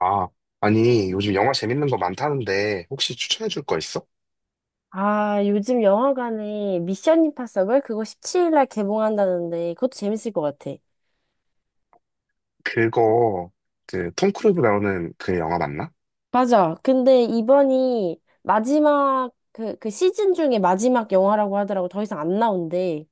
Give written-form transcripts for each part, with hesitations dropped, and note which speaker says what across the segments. Speaker 1: 아, 아니, 요즘 영화 재밌는 거 많다는데, 혹시 추천해 줄 거 있어?
Speaker 2: 아, 요즘 영화관에 미션 임파서블 그거 17일 날 개봉한다는데 그것도 재밌을 것 같아.
Speaker 1: 그거, 톰 크루즈 나오는 그 영화 맞나?
Speaker 2: 맞아. 근데 이번이 마지막 그 시즌 중에 마지막 영화라고 하더라고. 더 이상 안 나온대.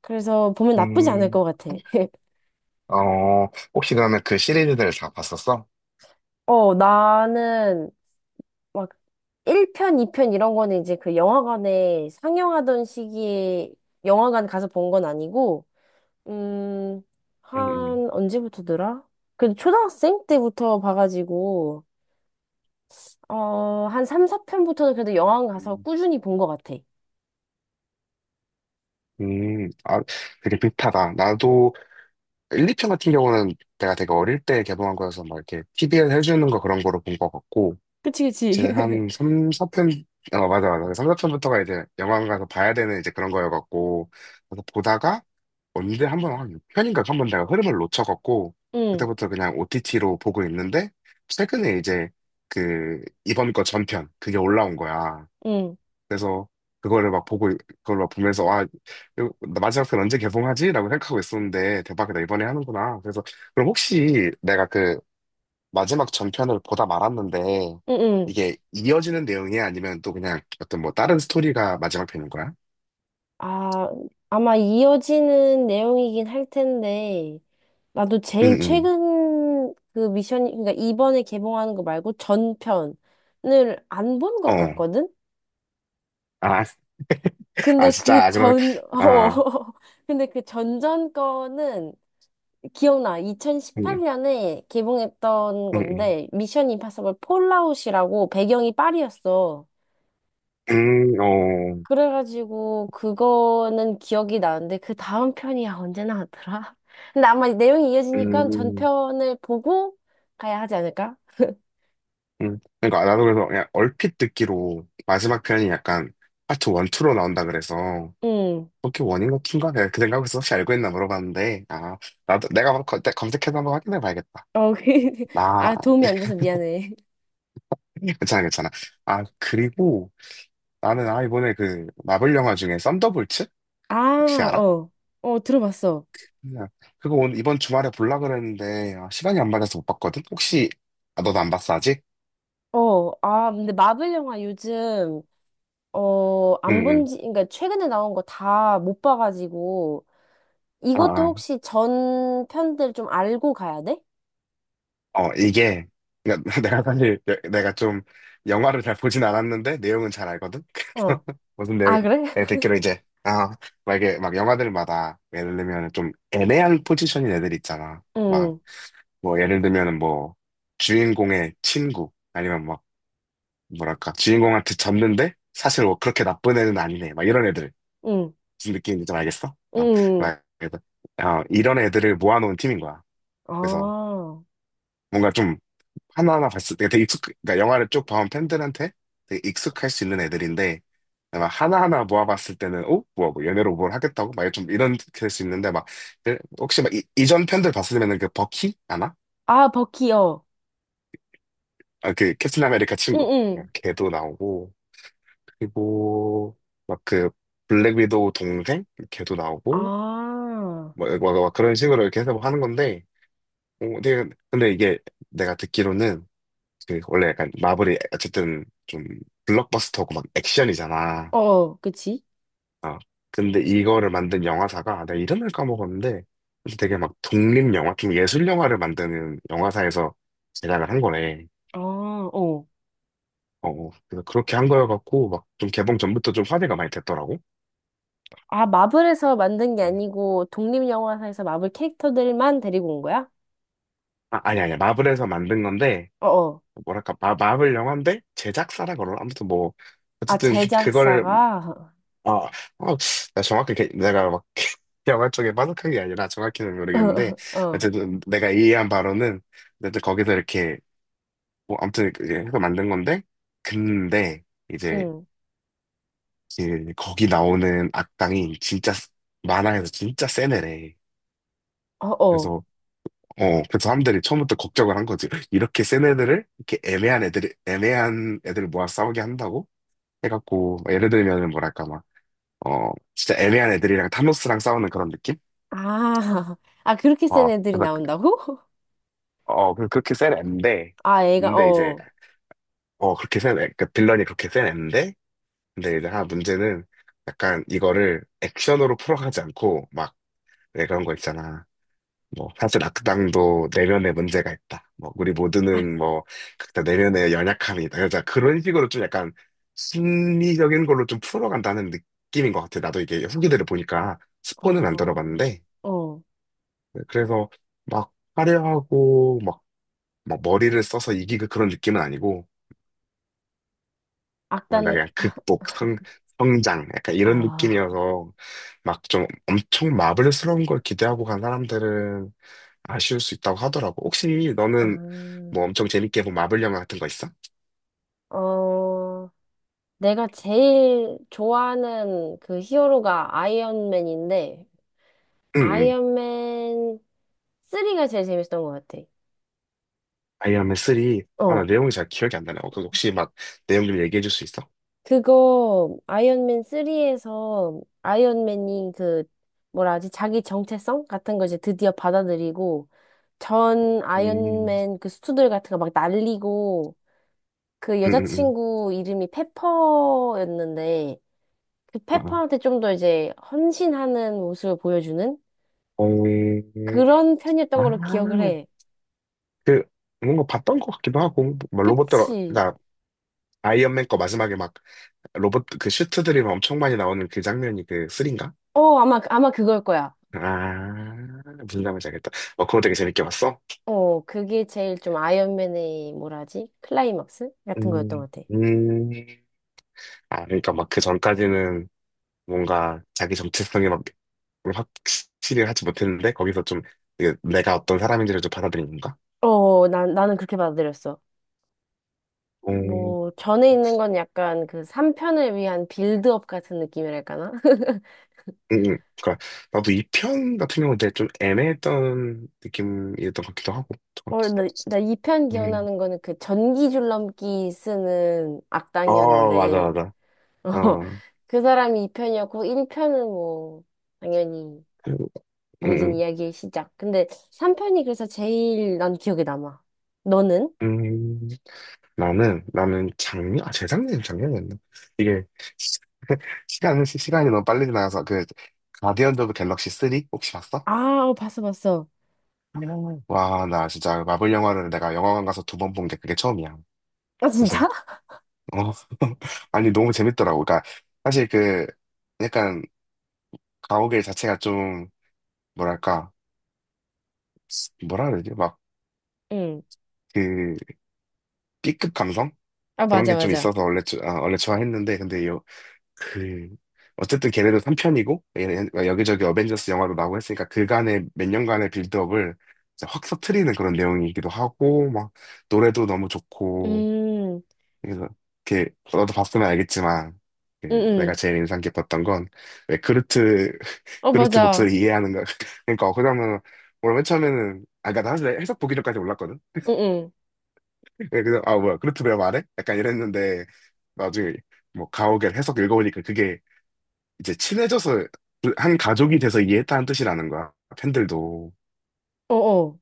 Speaker 2: 그래서 보면 나쁘지 않을
Speaker 1: 음,
Speaker 2: 것 같아.
Speaker 1: 어, 혹시 그러면 그 시리즈들 다 봤었어?
Speaker 2: 어, 나는 막 1편, 2편 이런 거는 이제 그 영화관에 상영하던 시기에 영화관 가서 본 건 아니고, 음,
Speaker 1: 응, 응.
Speaker 2: 한 언제부터더라? 그 초등학생 때부터 봐가지고, 어, 한 3, 4편부터는 그래도 영화관 가서
Speaker 1: 음,
Speaker 2: 꾸준히 본 것 같아.
Speaker 1: 음. 음, 아, 되게 비슷하다. 나도 1, 2편 같은 경우는 내가 되게 어릴 때 개봉한 거여서 막 이렇게 TV에서 해주는 거 그런 거로 본 거 같고,
Speaker 2: 그치, 그치.
Speaker 1: 이제 한 맞아, 맞아. 3, 4편부터가 이제 영화관 가서 봐야 되는 이제 그런 거여갖고, 그래서 보다가 언제 한 번, 한 6편인가 한 번 내가 흐름을 놓쳐갖고,
Speaker 2: 응,
Speaker 1: 그때부터 그냥 OTT로 보고 있는데, 최근에 이번 거 전편, 그게 올라온 거야.
Speaker 2: 응,
Speaker 1: 그래서 그거를 막 그걸 막 보면서, 와, 이거 마지막 편 언제 개봉하지? 라고 생각하고 있었는데, 대박이다, 이번에 하는구나. 그럼 혹시 마지막 전편을 보다 말았는데
Speaker 2: 응, 응.
Speaker 1: 이게 이어지는 내용이 야 아니면 또 그냥 어떤 뭐 다른 스토리가 마지막 편인 거야?
Speaker 2: 아, 아마 이어지는 내용이긴 할 텐데, 나도 제일
Speaker 1: 응응.
Speaker 2: 최근 그 미션, 그러니까 이번에 개봉하는 거 말고 전편을 안 본 것
Speaker 1: 어.
Speaker 2: 같거든?
Speaker 1: 아, 아
Speaker 2: 근데 그
Speaker 1: 진짜 아, 그럼
Speaker 2: 전, 어,
Speaker 1: 아
Speaker 2: 근데 그 전전 거는 기억나.
Speaker 1: 응응.
Speaker 2: 2018년에 개봉했던
Speaker 1: 응, 응.
Speaker 2: 건데, 미션 임파서블 폴아웃이라고 배경이 파리였어.
Speaker 1: 어.
Speaker 2: 그래가지고, 그거는 기억이 나는데, 그 다음 편이 야 언제 나왔더라? 근데 아마 내용이 이어지니까
Speaker 1: 음.
Speaker 2: 전편을 보고 가야 하지 않을까?
Speaker 1: 음. 그러니까 나도 그래서 그냥 얼핏 듣기로 마지막 편이 약간 파트 1, 2로 나온다 그래서
Speaker 2: 응.
Speaker 1: 그렇게 원인가 투인가 내가 그 생각에서 혹시 알고 있나 물어봤는데 아 나도 내가 검색해서 한번 확인해 봐야겠다.
Speaker 2: 어, 그-
Speaker 1: 나
Speaker 2: 아, 도움이 안 돼서 미안해.
Speaker 1: 괜찮아, 괜찮아. 아 그리고 나는 이번에 그 마블 영화 중에 썬더볼츠
Speaker 2: 아,
Speaker 1: 혹시 알아?
Speaker 2: 어. 어, 들어봤어.
Speaker 1: 그냥 그거 오늘 이번 주말에 볼라 그랬는데 아, 시간이 안 맞아서 못 봤거든. 혹시 아, 너도 안 봤어 아직?
Speaker 2: 어, 아, 근데 마블 영화 요즘, 어, 안 본
Speaker 1: 응응.
Speaker 2: 지, 그러니까 최근에 나온 거 다 못 봐가지고,
Speaker 1: 아,
Speaker 2: 이것도
Speaker 1: 아.
Speaker 2: 혹시 전 편들 좀 알고 가야 돼?
Speaker 1: 어 이게 그러니까 내가 좀 영화를 잘 보진 않았는데 내용은 잘 알거든.
Speaker 2: 어.
Speaker 1: 그래서 무슨 내용?
Speaker 2: 아, 그래?
Speaker 1: 내가 듣기로 이제 아 막 이게 막 영화들마다 예를 들면 좀 애매한 포지션인 애들 있잖아.
Speaker 2: 응,
Speaker 1: 예를 들면은 뭐 주인공의 친구 아니면 막 뭐랄까, 주인공한테 졌는데, 사실 뭐 그렇게 나쁜 애는 아니네. 막 이런 애들.
Speaker 2: 응,
Speaker 1: 무슨 느낌인지 좀 알겠어? 어,
Speaker 2: 응.
Speaker 1: 막 이런- 이런 애들을 모아놓은 팀인 거야. 그래서
Speaker 2: 아.
Speaker 1: 뭔가 좀 하나하나 봤을 때 그러니까 영화를 쭉 봐온 팬들한테 되게 익숙할 수 있는 애들인데, 막 하나하나 모아봤을 때는, 어? 뭐야, 뭐, 얘네로 뭘 하겠다고? 막 좀 이런 될 수 있는데, 혹시 막 이전 팬들 봤으면은 그 버키? 아나?
Speaker 2: 아, 버키, 어.
Speaker 1: 아, 그 캡틴 아메리카
Speaker 2: 응,
Speaker 1: 친구. 어,
Speaker 2: 응.
Speaker 1: 걔도 나오고, 그리고 막 그 블랙 위도우 동생 걔도 나오고
Speaker 2: 아.
Speaker 1: 그런 식으로 이렇게 해서 뭐 하는 건데 근데, 근데 이게 내가 듣기로는 그 원래 약간 마블이 어쨌든 좀 블록버스터고 막 액션이잖아.
Speaker 2: 어, 그치?
Speaker 1: 어. 근데 이거를 만든 영화사가 내가 이름을 까먹었는데 그래서 되게 막 독립 영화 좀 예술 영화를 만드는 영화사에서 제작을 한 거래.
Speaker 2: 아, 어.
Speaker 1: 그래서 그렇게 한 거여갖고 막 좀 개봉 전부터 좀 화제가 많이 됐더라고.
Speaker 2: 아, 마블에서 만든 게
Speaker 1: 음.
Speaker 2: 아니고 독립영화사에서 마블 캐릭터들만 데리고 온 거야?
Speaker 1: 아, 아니, 마블에서 만든 건데,
Speaker 2: 어, 어.
Speaker 1: 뭐랄까 마블 영화인데 제작사라 그러나 아무튼 뭐
Speaker 2: 아,
Speaker 1: 어쨌든 그거를
Speaker 2: 제작사가?
Speaker 1: 아, 어, 나 내가 막 영화 쪽에 빠삭한 게 아니라 정확히는 모르겠는데
Speaker 2: 어,
Speaker 1: 어쨌든 내가 이해한 바로는 어쨌든 거기서 이렇게 뭐 아무튼 이제 해서 만든 건데 근데 이제
Speaker 2: 응.
Speaker 1: 거기 나오는 악당이 만화에서 진짜 센 애래.
Speaker 2: 어, 어.
Speaker 1: 그래서 그래서 사람들이 처음부터 걱정을 한 거지. 이렇게 센 애들을 이렇게 애매한 애들을 모아 싸우게 한다고 해갖고 막 예를 들면은 뭐랄까 막 어 진짜 애매한 애들이랑 타노스랑 싸우는 그런 느낌?
Speaker 2: 아. 아, 그렇게 센
Speaker 1: 어
Speaker 2: 애들이
Speaker 1: 그래서 그-
Speaker 2: 나온다고?
Speaker 1: 어 그- 그렇게 센 앤데
Speaker 2: 아, 애가,
Speaker 1: 근데 이제
Speaker 2: 어.
Speaker 1: 그렇게 센 그 빌런이 그렇게 센 앤데 근데 이제 하나 문제는 약간 이거를 액션으로 풀어가지 않고 막 왜 그런 거 있잖아. 뭐 사실 악당도 내면에 문제가 있다. 뭐 우리 모두는 뭐 각자 내면에 연약함이 있다. 그래서 그런 식으로 좀 약간 심리적인 걸로 좀 풀어간다는 느낌인 것 같아. 나도 이게 후기들을 보니까 스포는 안
Speaker 2: 어,
Speaker 1: 들어봤는데
Speaker 2: 어,
Speaker 1: 네, 그래서 막 화려하고, 막 막 머리를 써서 이기고 그런 느낌은 아니고 그냥
Speaker 2: 악단에,
Speaker 1: 성장 약간 이런
Speaker 2: 아,
Speaker 1: 느낌이어서 막 좀 엄청 마블스러운 걸 기대하고 간 사람들은 아쉬울 수 있다고 하더라고. 혹시 너는
Speaker 2: 아,
Speaker 1: 뭐 엄청 재밌게 본 마블 영화 같은 거 있어?
Speaker 2: 어, 내가 제일 좋아하는 그 히어로가 아이언맨인데,
Speaker 1: 응, 응.
Speaker 2: 아이언맨 3가 제일 재밌었던 것 같아.
Speaker 1: 아이언맨 3. 아, 나
Speaker 2: 어,
Speaker 1: 내용이 잘 기억이 안 나네. 그 혹시 막 내용 좀 얘기해 줄 수 있어?
Speaker 2: 그거, 아이언맨 3에서 아이언맨이 그, 뭐라 하지, 자기 정체성 같은 걸 이제 드디어 받아들이고, 전
Speaker 1: 음,
Speaker 2: 아이언맨 그 수트들 같은 거 막 날리고, 그
Speaker 1: 응, 응,
Speaker 2: 여자친구 이름이 페퍼였는데 그
Speaker 1: 응.
Speaker 2: 페퍼한테 좀 더 이제 헌신하는 모습을 보여주는
Speaker 1: 어, 어.
Speaker 2: 그런 편이었던 걸로 기억을
Speaker 1: 아,
Speaker 2: 해.
Speaker 1: 그, 뭔가 봤던 것 같기도 하고, 막 로봇들,
Speaker 2: 그치?
Speaker 1: 나 아이언맨 거 마지막에 막 로봇, 그 슈트들이 막 엄청 많이 나오는 그 장면이 그 3인가?
Speaker 2: 어, 아마 그걸 거야.
Speaker 1: 아, 무슨 장면인지 알겠다. 어, 그거 되게 재밌게 봤어?
Speaker 2: 어, 그게 제일 좀 아이언맨의 뭐라 하지? 클라이막스 같은 거였던
Speaker 1: 음,
Speaker 2: 것 같아.
Speaker 1: 음. 아, 그러니까 막 그 전까지는 뭔가 자기 정체성이 막 확실히 하지 못했는데 거기서 좀 이게 내가 어떤 사람인지를 좀 받아들인 건가?
Speaker 2: 어, 난 나는 그렇게 받아들였어.
Speaker 1: 음,
Speaker 2: 뭐 전에 있는 건 약간 그 3편을 위한 빌드업 같은 느낌이랄까나?
Speaker 1: 그러니까 나도 이 편 같은 경우는 되게 좀 애매했던 느낌이었던 것 같기도 하고.
Speaker 2: 어, 나 2편
Speaker 1: 음.
Speaker 2: 기억나는 거는 그 전기 줄넘기 쓰는
Speaker 1: 어, 맞아,
Speaker 2: 악당이었는데,
Speaker 1: 맞아.
Speaker 2: 어,
Speaker 1: 어,
Speaker 2: 그 사람이 2편이었고, 1편은 뭐, 당연히
Speaker 1: 음,
Speaker 2: 모든
Speaker 1: 음.
Speaker 2: 이야기의 시작. 근데 3편이 그래서 제일 난 기억에 남아. 너는?
Speaker 1: 음, 나는 작년, 아, 재작년, 작년이었나? 이게, 시- 시간이 너무 빨리 지나가서, 그, 가디언즈 오브 갤럭시 3? 혹시 봤어?
Speaker 2: 아, 어, 봤어, 봤어.
Speaker 1: 음. 와, 나 진짜 마블 영화를 내가 영화관 가서 두 번 본 게 그게 처음이야.
Speaker 2: 아, 진짜?
Speaker 1: 그래서, 어, 아니, 너무 재밌더라고. 사실 약간, 가오갤 자체가 좀, 뭐랄까, 뭐라 그래야 되지?
Speaker 2: 응.
Speaker 1: 그, B급 감성?
Speaker 2: 아,
Speaker 1: 그런
Speaker 2: 맞아,
Speaker 1: 게 좀
Speaker 2: 맞아.
Speaker 1: 있어서 원래, 원래 좋아했는데, 그, 어쨌든 걔네도 3편이고, 여기저기 어벤져스 영화도 나오고 했으니까, 그간의 몇 년간의 빌드업을 진짜 확 터트리는 그런 내용이기도 하고, 막, 노래도 너무 좋고,
Speaker 2: 음,
Speaker 1: 그래서 이렇게 너도 봤으면 알겠지만
Speaker 2: 응,
Speaker 1: 그 내가
Speaker 2: 응.
Speaker 1: 제일 인상 깊었던 건 왜 그루트
Speaker 2: 어,
Speaker 1: 그루트
Speaker 2: 맞아.
Speaker 1: 목소리 이해하는가 그러니까 그 장면은 원래 맨 처음에는 아 그러니까 나 사실 해석 보기 전까지 몰랐거든.
Speaker 2: 응, 응.
Speaker 1: 예, 그래서 아 뭐야 그루트 왜 말해? 약간 이랬는데 나중에 뭐 가오갤 해석 읽어보니까 그게 이제 친해져서 그한 가족이 돼서 이해했다는 뜻이라는 거야. 팬들도
Speaker 2: 어, 어.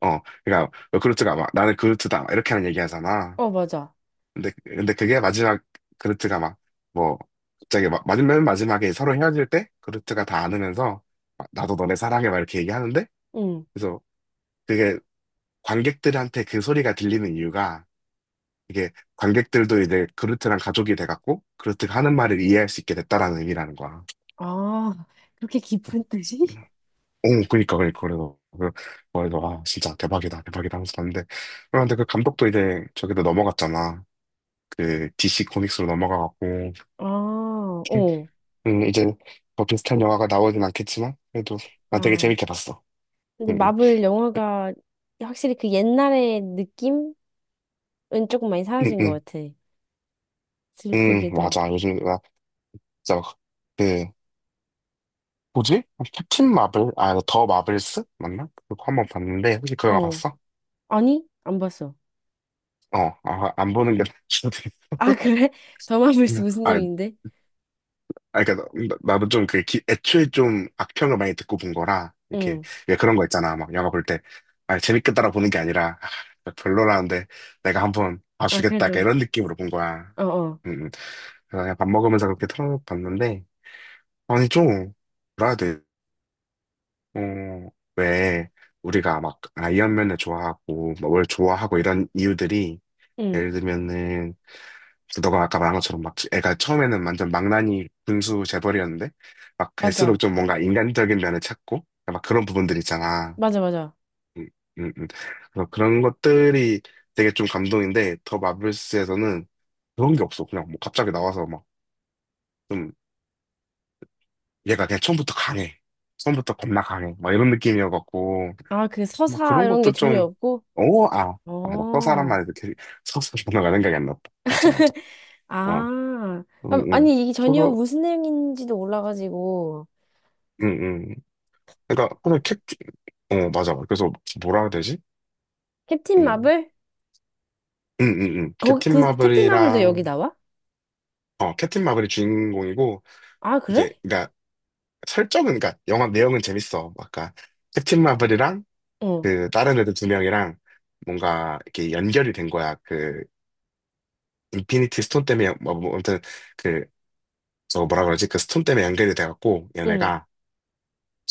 Speaker 1: 어 그러니까 왜루트가 막 나는 그루트다 이렇게 하는 얘기 하잖아.
Speaker 2: 어, 맞아.
Speaker 1: 근데 그게 마지막, 그루트가 막, 뭐, 갑자기 맨 마지막에 서로 헤어질 때, 그루트가 다 안으면서, 막 나도 너네 사랑해, 막 이렇게 얘기하는데,
Speaker 2: 응.
Speaker 1: 그래서 그게 관객들한테 그 소리가 들리는 이유가, 이게 관객들도 이제 그루트랑 가족이 돼갖고, 그루트가 하는 말을 이해할 수 있게 됐다라는 의미라는 거야.
Speaker 2: 아, 그렇게 깊은 뜻이?
Speaker 1: 오, 그니까, 그래서, 아, 진짜 대박이다, 대박이다 하면서 봤는데, 그런데 그 감독도 이제 저기로 넘어갔잖아. 그 DC 코믹스로 넘어가갖고,
Speaker 2: 아, 어.
Speaker 1: 이제 뭐 비슷한 영화가 나오진 않겠지만, 그래도 난 되게
Speaker 2: 아.
Speaker 1: 재밌게 봤어.
Speaker 2: 근데
Speaker 1: 음, 음,
Speaker 2: 마블 영화가 확실히 그 옛날의 느낌은 조금 많이
Speaker 1: 음,
Speaker 2: 사라진 것
Speaker 1: 음,
Speaker 2: 같아. 슬프게도.
Speaker 1: 맞아. 요즘, 나 진짜 막, 그, 뭐지? 캡틴 마블? 아, 더 마블스? 맞나? 그거 한번 봤는데, 혹시 그 영화
Speaker 2: 어.
Speaker 1: 봤어?
Speaker 2: 아니? 안 봤어.
Speaker 1: 어, 아, 안 보는 게 나을 수도 겠
Speaker 2: 아, 그래? 더
Speaker 1: 구
Speaker 2: 마블스
Speaker 1: 나
Speaker 2: 무슨 내용인데?
Speaker 1: 그니까, 나도 좀 그, 애초에 좀 악평을 많이 듣고 본 거라, 이렇게,
Speaker 2: 응.
Speaker 1: 왜 그런 거 있잖아. 막 영화 볼 때, 아, 재밌겠다라 보는 게 아니라, 아, 별로라는데, 내가 한번
Speaker 2: 아,
Speaker 1: 봐주겠다. 약간
Speaker 2: 그래도.
Speaker 1: 이런 느낌으로 본 거야.
Speaker 2: 어, 어.
Speaker 1: 음, 음. 그래서 그냥 밥 먹으면서 그렇게 틀어봤는데, 아니, 좀, 뭐라 해야 돼? 어, 왜, 우리가 막, 아이언맨을 좋아하고, 막 뭘 좋아하고, 이런 이유들이,
Speaker 2: 응.
Speaker 1: 예를 들면은, 너가 아까 말한 것처럼 막, 애가 처음에는 완전 망나니 군수 재벌이었는데, 막, 갈수록
Speaker 2: 맞아.
Speaker 1: 좀 뭔가 인간적인 면을 찾고, 막 그런 부분들 있잖아.
Speaker 2: 맞아, 맞아.
Speaker 1: 음, 음, 음. 그래서 그런 것들이 되게 좀 감동인데, 더 마블스에서는 그런 게 없어. 그냥 뭐, 갑자기 나와서 막, 좀 얘가 그냥 처음부터 강해. 처음부터 겁나 강해. 막 이런 느낌이어갖고,
Speaker 2: 아, 그
Speaker 1: 막
Speaker 2: 서사
Speaker 1: 그런
Speaker 2: 이런 게
Speaker 1: 것도
Speaker 2: 전혀
Speaker 1: 좀,
Speaker 2: 없고?
Speaker 1: 오, 아, 맞아. 서사란
Speaker 2: 어.
Speaker 1: 말이 도렇게 서사 번호가 생각이 안 났다. 맞아, 맞아. 아,
Speaker 2: 아.
Speaker 1: 응,
Speaker 2: 아,
Speaker 1: 응.
Speaker 2: 아니, 이게 전혀
Speaker 1: 서서,
Speaker 2: 무슨 내용인지도 몰라가지고.
Speaker 1: 응, 응. 그러니까,
Speaker 2: 음.
Speaker 1: 어, 맞아. 그래서 뭐라 해야 되지?
Speaker 2: 캡틴
Speaker 1: 응,
Speaker 2: 마블?
Speaker 1: 응, 응, 응.
Speaker 2: 거기,
Speaker 1: 캡틴
Speaker 2: 그, 캡틴 마블도 여기
Speaker 1: 마블이랑,
Speaker 2: 나와?
Speaker 1: 어, 캡틴 마블이 주인공이고,
Speaker 2: 아, 그래?
Speaker 1: 이게, 그러니까, 설정은, 그러니까, 영화 내용은 재밌어. 아까, 캡틴 마블이랑,
Speaker 2: 어.
Speaker 1: 그, 다른 애들 두 명이랑, 뭔가, 이렇게 연결이 된 거야. 그, 인피니티 스톤 때문에 연- 뭐 뭐, 아무튼 그 저 뭐라 그러지 그 스톤 때문에 연결이 돼갖고
Speaker 2: 응.
Speaker 1: 얘네가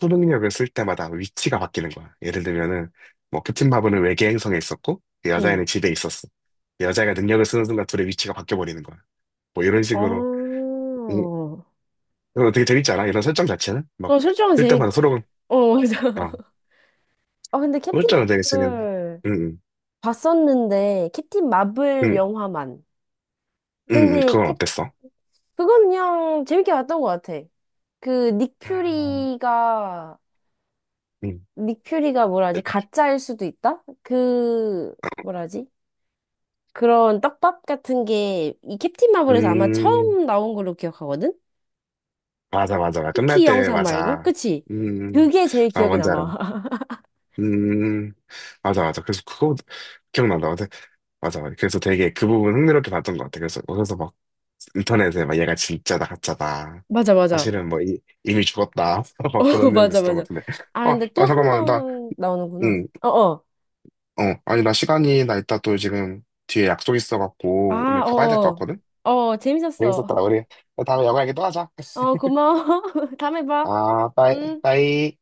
Speaker 1: 초능력을 쓸 때마다 위치가 바뀌는 거야. 예를 들면은 뭐 캡틴 마블은 외계 행성에 있었고 그
Speaker 2: 응.
Speaker 1: 여자애는 집에 있었어. 그 여자애가 능력을 쓰는 순간 둘의 위치가 바뀌어 버리는 거야. 뭐 이런 식으로
Speaker 2: 어,
Speaker 1: 음, 이거 되게 재밌지 않아? 이런 설정 자체는 막
Speaker 2: 어, 설정은
Speaker 1: 쓸
Speaker 2: 재밌,
Speaker 1: 때마다 서로
Speaker 2: 어, 맞아.
Speaker 1: 어
Speaker 2: 아, 근데 캡틴
Speaker 1: 설정을 되게 쓰는
Speaker 2: 마블
Speaker 1: 응응응응
Speaker 2: 봤었는데, 캡틴 마블
Speaker 1: 음,
Speaker 2: 영화만. 근데
Speaker 1: 그건
Speaker 2: 캡,
Speaker 1: 어땠어?
Speaker 2: 그건 그냥 재밌게 봤던 것 같아. 그, 닉
Speaker 1: 음,
Speaker 2: 퓨리가,
Speaker 1: 음,
Speaker 2: 닉 퓨리가 뭐라지? 가짜일 수도 있다? 그, 뭐라지? 그런 떡밥 같은 게, 이 캡틴 마블에서 아마
Speaker 1: 음,
Speaker 2: 처음 나온 걸로 기억하거든?
Speaker 1: 맞아, 맞아. 맞아. 끝날
Speaker 2: 쿠키
Speaker 1: 때,
Speaker 2: 영상 말고?
Speaker 1: 맞아.
Speaker 2: 그치?
Speaker 1: 음,
Speaker 2: 그게 제일
Speaker 1: 아,
Speaker 2: 기억에
Speaker 1: 뭔지 알아.
Speaker 2: 남아.
Speaker 1: 음, 맞아, 맞아. 그래서 그거 기억난다. 근데 맞아, 맞아. 그래서 되게 그 부분 흥미롭게 봤던 것 같아. 그래서 막 인터넷에 막 얘가 진짜다, 가짜다.
Speaker 2: 맞아, 맞아.
Speaker 1: 사실은 이미 죽었다.
Speaker 2: 어,
Speaker 1: 막 그런 내용도
Speaker 2: 맞아,
Speaker 1: 있었던 것
Speaker 2: 맞아.
Speaker 1: 같은데.
Speaker 2: 아, 근데 또 한
Speaker 1: 잠깐만. 나,
Speaker 2: 번 나오는구나.
Speaker 1: 응,
Speaker 2: 어, 어.
Speaker 1: 어. 아니, 나 이따 또 지금 뒤에 약속 있어갖고
Speaker 2: 아,
Speaker 1: 오늘 가봐야 될 것
Speaker 2: 어.
Speaker 1: 같거든?
Speaker 2: 어,
Speaker 1: 재밌었다.
Speaker 2: 재밌었어.
Speaker 1: 우리 다음에 영화 얘기 또 하자.
Speaker 2: 어, 고마워. 다음에 봐.
Speaker 1: 아, 빠이,
Speaker 2: 음.
Speaker 1: 빠이.